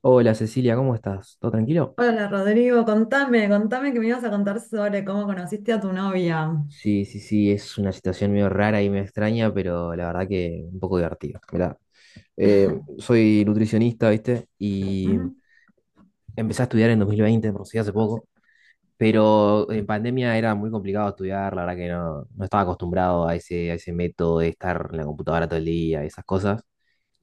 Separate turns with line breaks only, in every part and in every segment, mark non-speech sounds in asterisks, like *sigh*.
Hola Cecilia, ¿cómo estás? ¿Todo tranquilo?
Hola Rodrigo, contame, contame que me ibas a contar sobre cómo conociste a tu novia.
Sí, sí, sí, es una situación medio rara y medio extraña, pero la verdad que un poco divertido. Mirá, eh, soy nutricionista, ¿viste? Y
Ujú,
empecé a estudiar en 2020, por si hace poco, pero en pandemia era muy complicado estudiar, la verdad que no estaba acostumbrado a ese método de estar en la computadora todo el día y esas cosas.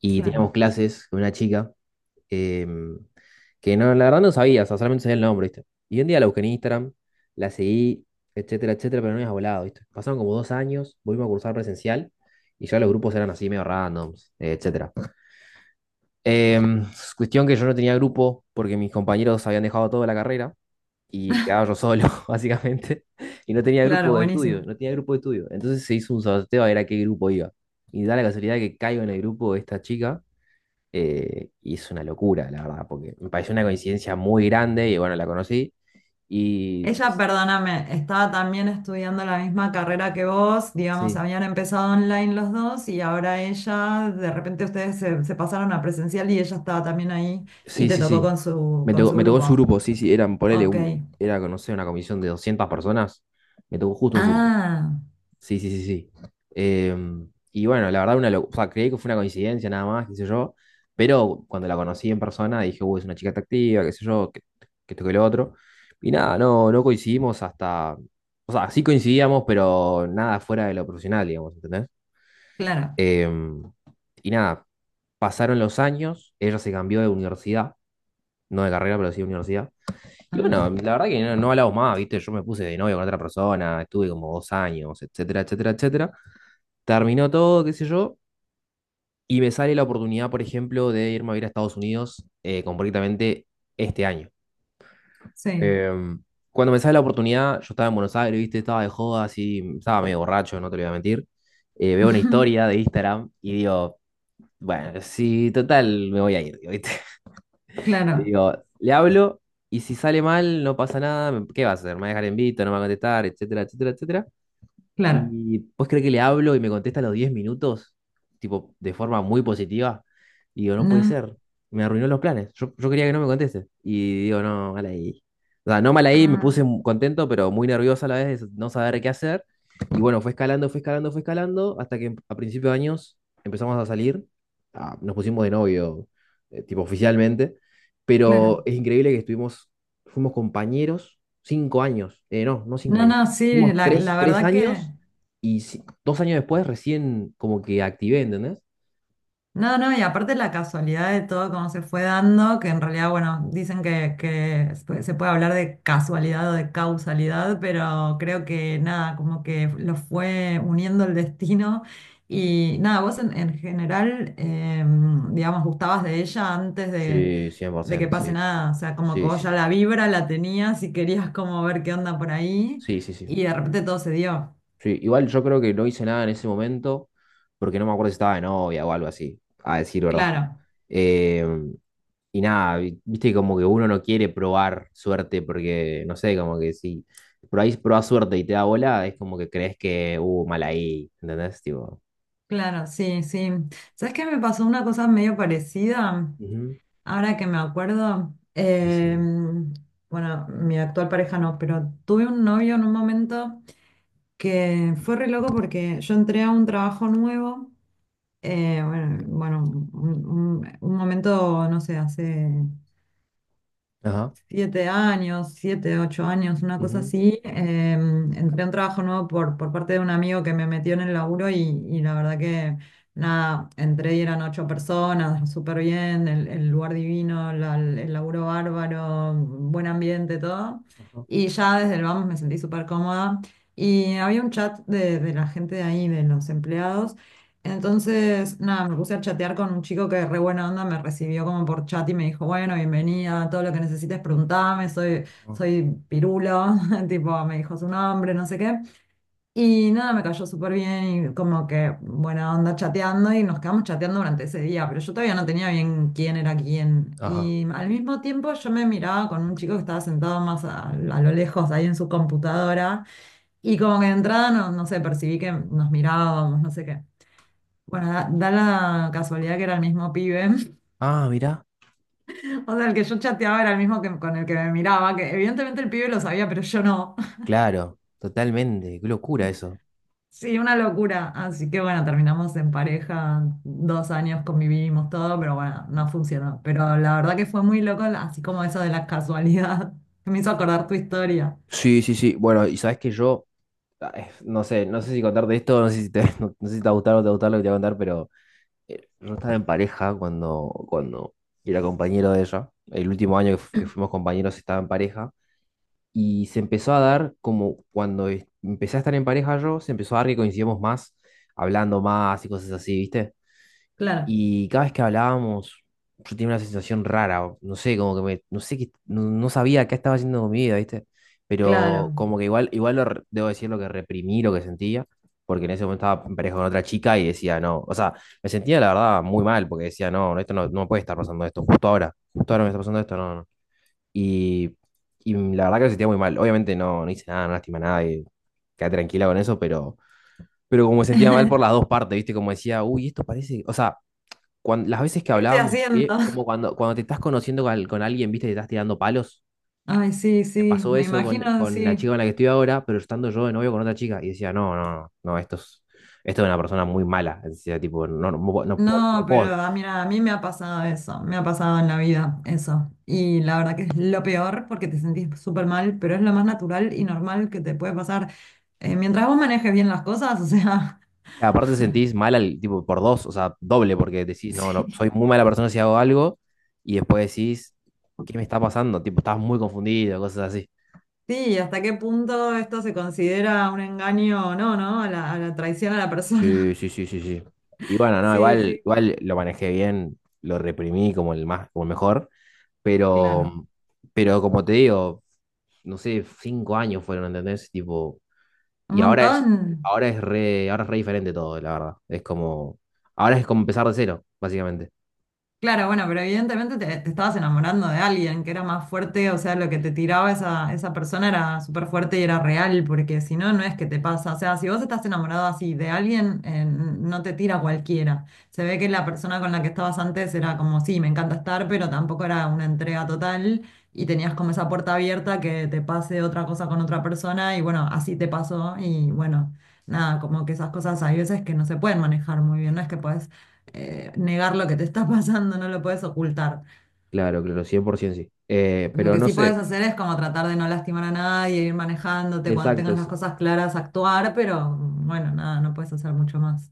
Y
claro,
teníamos clases con una chica em, que no, la verdad no sabía, o sea, solamente sabía el nombre, ¿viste? Y un día la busqué en Instagram, la seguí, etcétera, etcétera, pero no había volado, ¿viste? Pasaron como dos años, volvimos a cursar presencial y ya los grupos eran así medio randoms, etcétera. Em, Cuestión que yo no tenía grupo porque mis compañeros habían dejado toda la carrera y quedaba yo solo, *laughs* básicamente, y no tenía
claro,
grupo de
buenísimo.
estudio, no tenía grupo de estudio. Entonces se hizo un sorteo a ver a qué grupo iba. Y da la casualidad que caigo en el grupo de esta chica y es una locura, la verdad, porque me pareció una coincidencia muy grande y bueno, la conocí. Y no
Ella,
sé,
perdóname, estaba también estudiando la misma carrera que vos, digamos,
sí,
habían empezado online los dos y ahora ella, de repente ustedes se pasaron a presencial y ella estaba también ahí y
sí,
te
sí,
tocó
sí.
con su,
Me
con
tocó,
su
me tocó en su
grupo.
grupo, sí, sí, eran, ponele,
Ok.
un, era, no sé, una comisión de 200 personas. Me tocó justo en su grupo.
Ah,
Sí, sí, sí, sí. Y bueno, la verdad, o sea, creí que fue una coincidencia nada más, qué sé yo, pero cuando la conocí en persona dije, uy, es una chica atractiva, qué sé yo, que esto que lo otro. Y nada, no coincidimos hasta, o sea, sí coincidíamos, pero nada fuera de lo profesional, digamos, ¿entendés?
claro.
Em, y nada, pasaron los años, ella se cambió de universidad, no de carrera, pero sí de universidad. Y bueno,
Ah,
la verdad que no hablamos más, ¿viste? Yo me puse de novio con otra persona, estuve como dos años, etcétera, etcétera, etcétera. Terminó todo, qué sé yo, y me sale la oportunidad, por ejemplo, de irme a vivir a Estados Unidos concretamente este año.
sí.
Em, Cuando me sale la oportunidad, yo estaba en Buenos Aires, viste, estaba de joda, así, estaba medio borracho, no te lo voy a mentir. Veo una historia de
*laughs*
Instagram y digo, bueno, sí, total, me voy a ir, ¿viste? *laughs* Y
Claro,
digo, le hablo y si sale mal, no pasa nada, ¿qué va a hacer? ¿Me va a dejar en visto? ¿No me va a contestar? Etcétera, etcétera, etcétera.
claro.
Y pues cree que le hablo y me contesta a los 10 minutos, tipo, de forma muy positiva. Y digo, no puede
No.
ser. Me arruinó los planes. Yo quería que no me conteste. Y digo, no, mal ahí. O sea, no mal ahí, me
Ah,
puse contento, pero muy nervioso a la vez de no saber qué hacer. Y bueno, fue escalando, fue escalando, fue escalando, hasta que a principios de años empezamos a salir. Ah, nos pusimos de novio, tipo oficialmente. Pero
claro.
es increíble que estuvimos, fuimos compañeros 5 años. No cinco
No,
años.
no, sí,
Fuimos
la,
tres,
la
tres
verdad que...
años y 2 años después recién como que activé, ¿entendés?
No, no, y aparte la casualidad de todo cómo se fue dando, que en realidad, bueno, dicen que se puede hablar de casualidad o de causalidad, pero creo que nada, como que lo fue uniendo el destino. Y nada, vos en general, digamos, gustabas de ella antes
Sí,
de que
100%,
pase
sí.
nada, o sea, como que
Sí,
vos
sí,
ya
sí.
la vibra la tenías y querías como ver qué onda por ahí,
Sí, sí, sí.
y de repente todo se dio,
Sí, igual yo creo que no hice nada en ese momento porque no me acuerdo si estaba de novia o algo así, a decir verdad.
claro.
Eh, y nada, viste como que uno no quiere probar suerte porque, no sé, como que si por ahí probás suerte y te da bola, es como que crees que, mal ahí, ¿entendés? Tipo,
Claro, sí, sí. ¿Sabes qué me pasó una cosa medio parecida?
ujú,
Ahora que me acuerdo,
decime.
bueno, mi actual pareja no, pero tuve un novio en un momento que fue re loco porque yo entré a un trabajo nuevo, bueno, bueno, un momento, no sé, hace
Ajá,
7 años, 7, 8 años, una cosa
ujú,
así. Entré a un trabajo nuevo por parte de un amigo que me metió en el laburo y la verdad que nada, entré y eran 8 personas, súper bien, el lugar divino, el laburo bárbaro, buen ambiente, todo.
ajá,
Y ya desde el vamos me sentí súper cómoda. Y había un chat de la gente de ahí, de los empleados. Entonces, nada, me puse a chatear con un chico que re buena onda me recibió como por chat y me dijo, bueno, bienvenida, todo lo que necesites preguntame,
ajá.
soy Pirulo, *laughs* tipo, me dijo su nombre, no sé qué. Y nada, me cayó súper bien y como que buena onda chateando y nos quedamos chateando durante ese día, pero yo todavía no tenía bien quién era quién.
Ajá.
Y al mismo tiempo yo me miraba con un chico que estaba sentado más a lo lejos ahí en su computadora y como que de entrada, no, no sé, percibí que nos mirábamos, no sé qué. Bueno, da la casualidad que era el mismo pibe. *laughs*
Ah, mirá.
O sea, el que yo chateaba era el mismo que, con el que me miraba, que evidentemente el pibe lo sabía, pero yo no. *laughs*
Claro, totalmente, qué locura eso.
Sí, una locura. Así que bueno, terminamos en pareja, 2 años convivimos todo, pero bueno, no funcionó. Pero la verdad que fue muy loco, así como eso de la casualidad. *laughs* Me hizo acordar tu historia.
Sí, sí, sí. Bueno, y sabes que yo, ay, no sé, no sé si contarte esto, no sé si te, *laughs* no, no sé si te va a gustar o no te va a gustar lo que te voy a contar, pero yo estaba en pareja cuando era compañero de ella. El último año que, que fuimos compañeros estaba en pareja. Y se empezó a dar como cuando empecé a estar en pareja yo, se empezó a dar que coincidíamos más, hablando más y cosas así, ¿viste?
Claro,
Y cada vez que hablábamos, yo tenía una sensación rara, o no sé, como que me, no sé qué, no sabía qué estaba haciendo con mi vida, ¿viste? Pero
claro.
como que igual, igual debo decir lo que reprimí, lo que sentía, porque en ese momento estaba en pareja con otra chica y decía, no, o sea, me sentía la verdad muy mal, porque decía, no, no, esto no, no me puede estar pasando esto, justo ahora me está pasando esto, no, no. Y, y la verdad que me sentía muy mal, obviamente no, no hice nada, no lastimé a nadie, quedé tranquila con eso, pero como me sentía mal por las
*laughs*
dos partes, ¿viste? Como decía, uy, esto parece, o sea las
Sí,
veces que
¿qué estoy
hablábamos,
haciendo?
como cuando, cuando te estás conociendo con, con alguien, viste, te estás tirando palos.
*laughs* Ay, sí,
Me
sí,
pasó
me
eso
imagino,
con la
sí.
chica con la que estoy ahora, pero estando yo de novio con otra chica. Y decía, no, no, no, esto es una persona muy mala. Decía, tipo, no, no, no, no
No, pero
puedo.
ah, mira, a mí me ha pasado eso, me ha pasado en la vida eso. Y la verdad que es lo peor porque te sentís súper mal, pero es lo más natural y normal que te puede pasar. Mientras vos manejes bien las cosas, o sea,
Aparte te sentís mal, tipo, por dos, o sea, doble, porque
*laughs*
decís, no, no,
sí.
soy muy mala persona si hago algo. Y después decís, ¿qué me está pasando? Tipo, estás muy confundido, cosas así.
Sí, ¿hasta qué punto esto se considera un engaño o no, no? A la traición a la persona.
Sí,
*laughs*
sí, sí, sí, sí. Y bueno, no,
Sí,
igual,
sí,
igual lo manejé bien, lo reprimí como el más, como el mejor, pero,
claro.
pero como te digo, no sé, 5 años fueron, ¿entendés? Tipo,
Un
y
montón.
ahora es re diferente todo, la verdad. Es como, ahora es como empezar de cero, básicamente.
Claro, bueno, pero evidentemente te estabas enamorando de alguien que era más fuerte, o sea, lo que te tiraba esa persona era súper fuerte y era real, porque si no, no es que te pasa. O sea, si vos estás enamorado así de alguien, no te tira cualquiera. Se ve que la persona con la que estabas antes era como, sí, me encanta estar, pero tampoco era una entrega total y tenías como esa puerta abierta que te pase otra cosa con otra persona y bueno, así te pasó y bueno, nada, como que esas cosas hay veces que no se pueden manejar muy bien, no es que puedes negar lo que te está *laughs* pasando, no lo puedes ocultar.
Claro, claro, 100% sí.
Lo
Pero
que
no
sí
sé,
puedes hacer es como tratar de no lastimar a nadie, ir manejándote, cuando
exacto,
tengas las cosas claras, actuar, pero bueno, nada, no puedes hacer mucho más.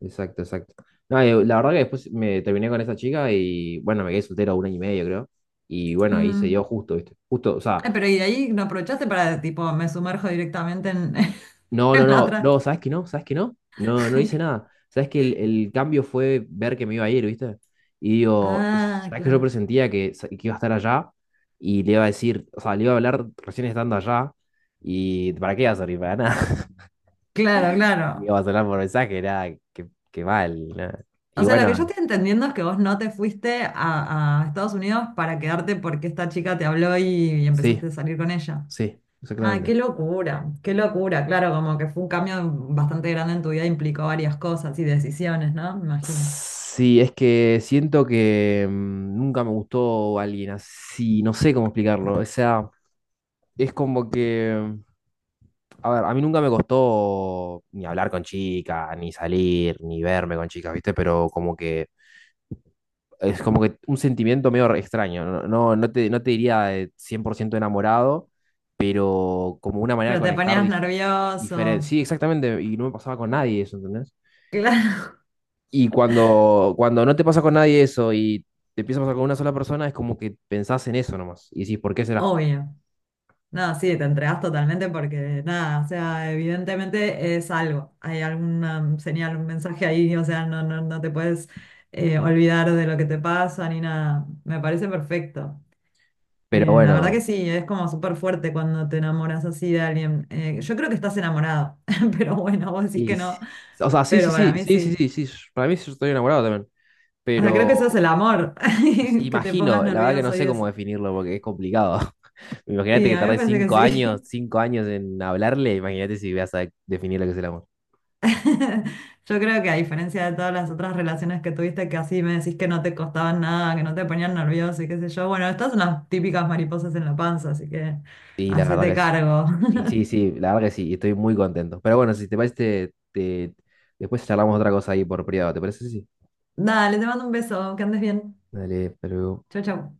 exacto, exacto. No, la verdad que después me terminé con esa chica y bueno, me quedé soltero un año y medio, creo. Y bueno, ahí se
Mm.
dio justo, ¿viste? Justo, o sea,
Ay, pero y de ahí no aprovechaste para, tipo, me sumerjo directamente en, *laughs*
no, no,
en la
no,
otra.
no, ¿sabes que no? ¿Sabes que no? No, no hice
*laughs*
nada. ¿Sabes que el cambio fue ver que me iba a ir, ¿viste? Y digo,
Ah,
¿sabes que yo
claro.
presentía que, que iba a estar allá? Y le iba a decir, o sea, le iba a hablar recién estando allá. ¿Y para qué iba a servir? Para nada.
Claro,
*laughs* Le
claro.
iba a sonar por mensaje, nada, que mal, nada. Y
O sea, lo
bueno,
que yo estoy entendiendo es que vos no te fuiste a Estados Unidos para quedarte porque esta chica te habló y
sí,
empezaste a salir con ella.
sí,
Ah, qué
exactamente.
locura, qué locura. Claro, como que fue un cambio bastante grande en tu vida, implicó varias cosas y decisiones, ¿no? Me imagino.
Sí, es que siento que mm, nunca me gustó alguien así, no sé cómo explicarlo. O sea, es como que, a ver, a mí nunca me costó ni hablar con chicas, ni salir, ni verme con chicas, ¿viste? Pero como que es como que un sentimiento medio extraño, no, no, no te, no te diría de 100% enamorado, pero como una manera de
Pero te
conectar
ponías nervioso.
diferente. Sí, exactamente, y no me pasaba con nadie eso, ¿entendés?
Claro,
Y cuando, cuando no te pasa con nadie eso y te empieza a pasar con una sola persona, es como que pensás en eso nomás y decís, ¿por qué
*laughs*
será?
obvio. No, sí, te entregas totalmente porque nada, o sea, evidentemente es algo. Hay alguna señal, un mensaje ahí, o sea, no, no, no te puedes olvidar de lo que te pasa ni nada. Me parece perfecto.
Pero
La verdad que
bueno.
sí, es como súper fuerte cuando te enamoras así de alguien. Yo creo que estás enamorado, *laughs* pero bueno, vos decís
Y,
que no,
o sea, sí, sí,
pero para
sí,
mí
sí, sí,
sí.
sí, sí, para mí sí estoy enamorado también,
O sea, creo que eso es
pero
el amor,
pues,
*laughs* que te pongas
imagino, la verdad que no
nervioso y
sé cómo
eso.
definirlo porque es complicado. *laughs* Imagínate
Y
que
a mí me
tardé
parece que
5 años,
sí.
5 años en hablarle, imagínate si vas a definir lo que es el amor.
*laughs* Yo creo que a diferencia de todas las otras relaciones que tuviste, que así me decís que no te costaban nada, que no te ponían nervioso y qué sé yo, bueno, estas son las típicas mariposas en la panza, así que
Y la verdad
hacete
que sí.
cargo.
Y sí, sí, la verdad que sí, y estoy muy contento. Pero bueno, si te parece, te, después charlamos otra cosa ahí por privado, ¿te parece? Sí.
*laughs* Dale, te mando un beso, que andes bien.
Dale, pero...
Chau, chau.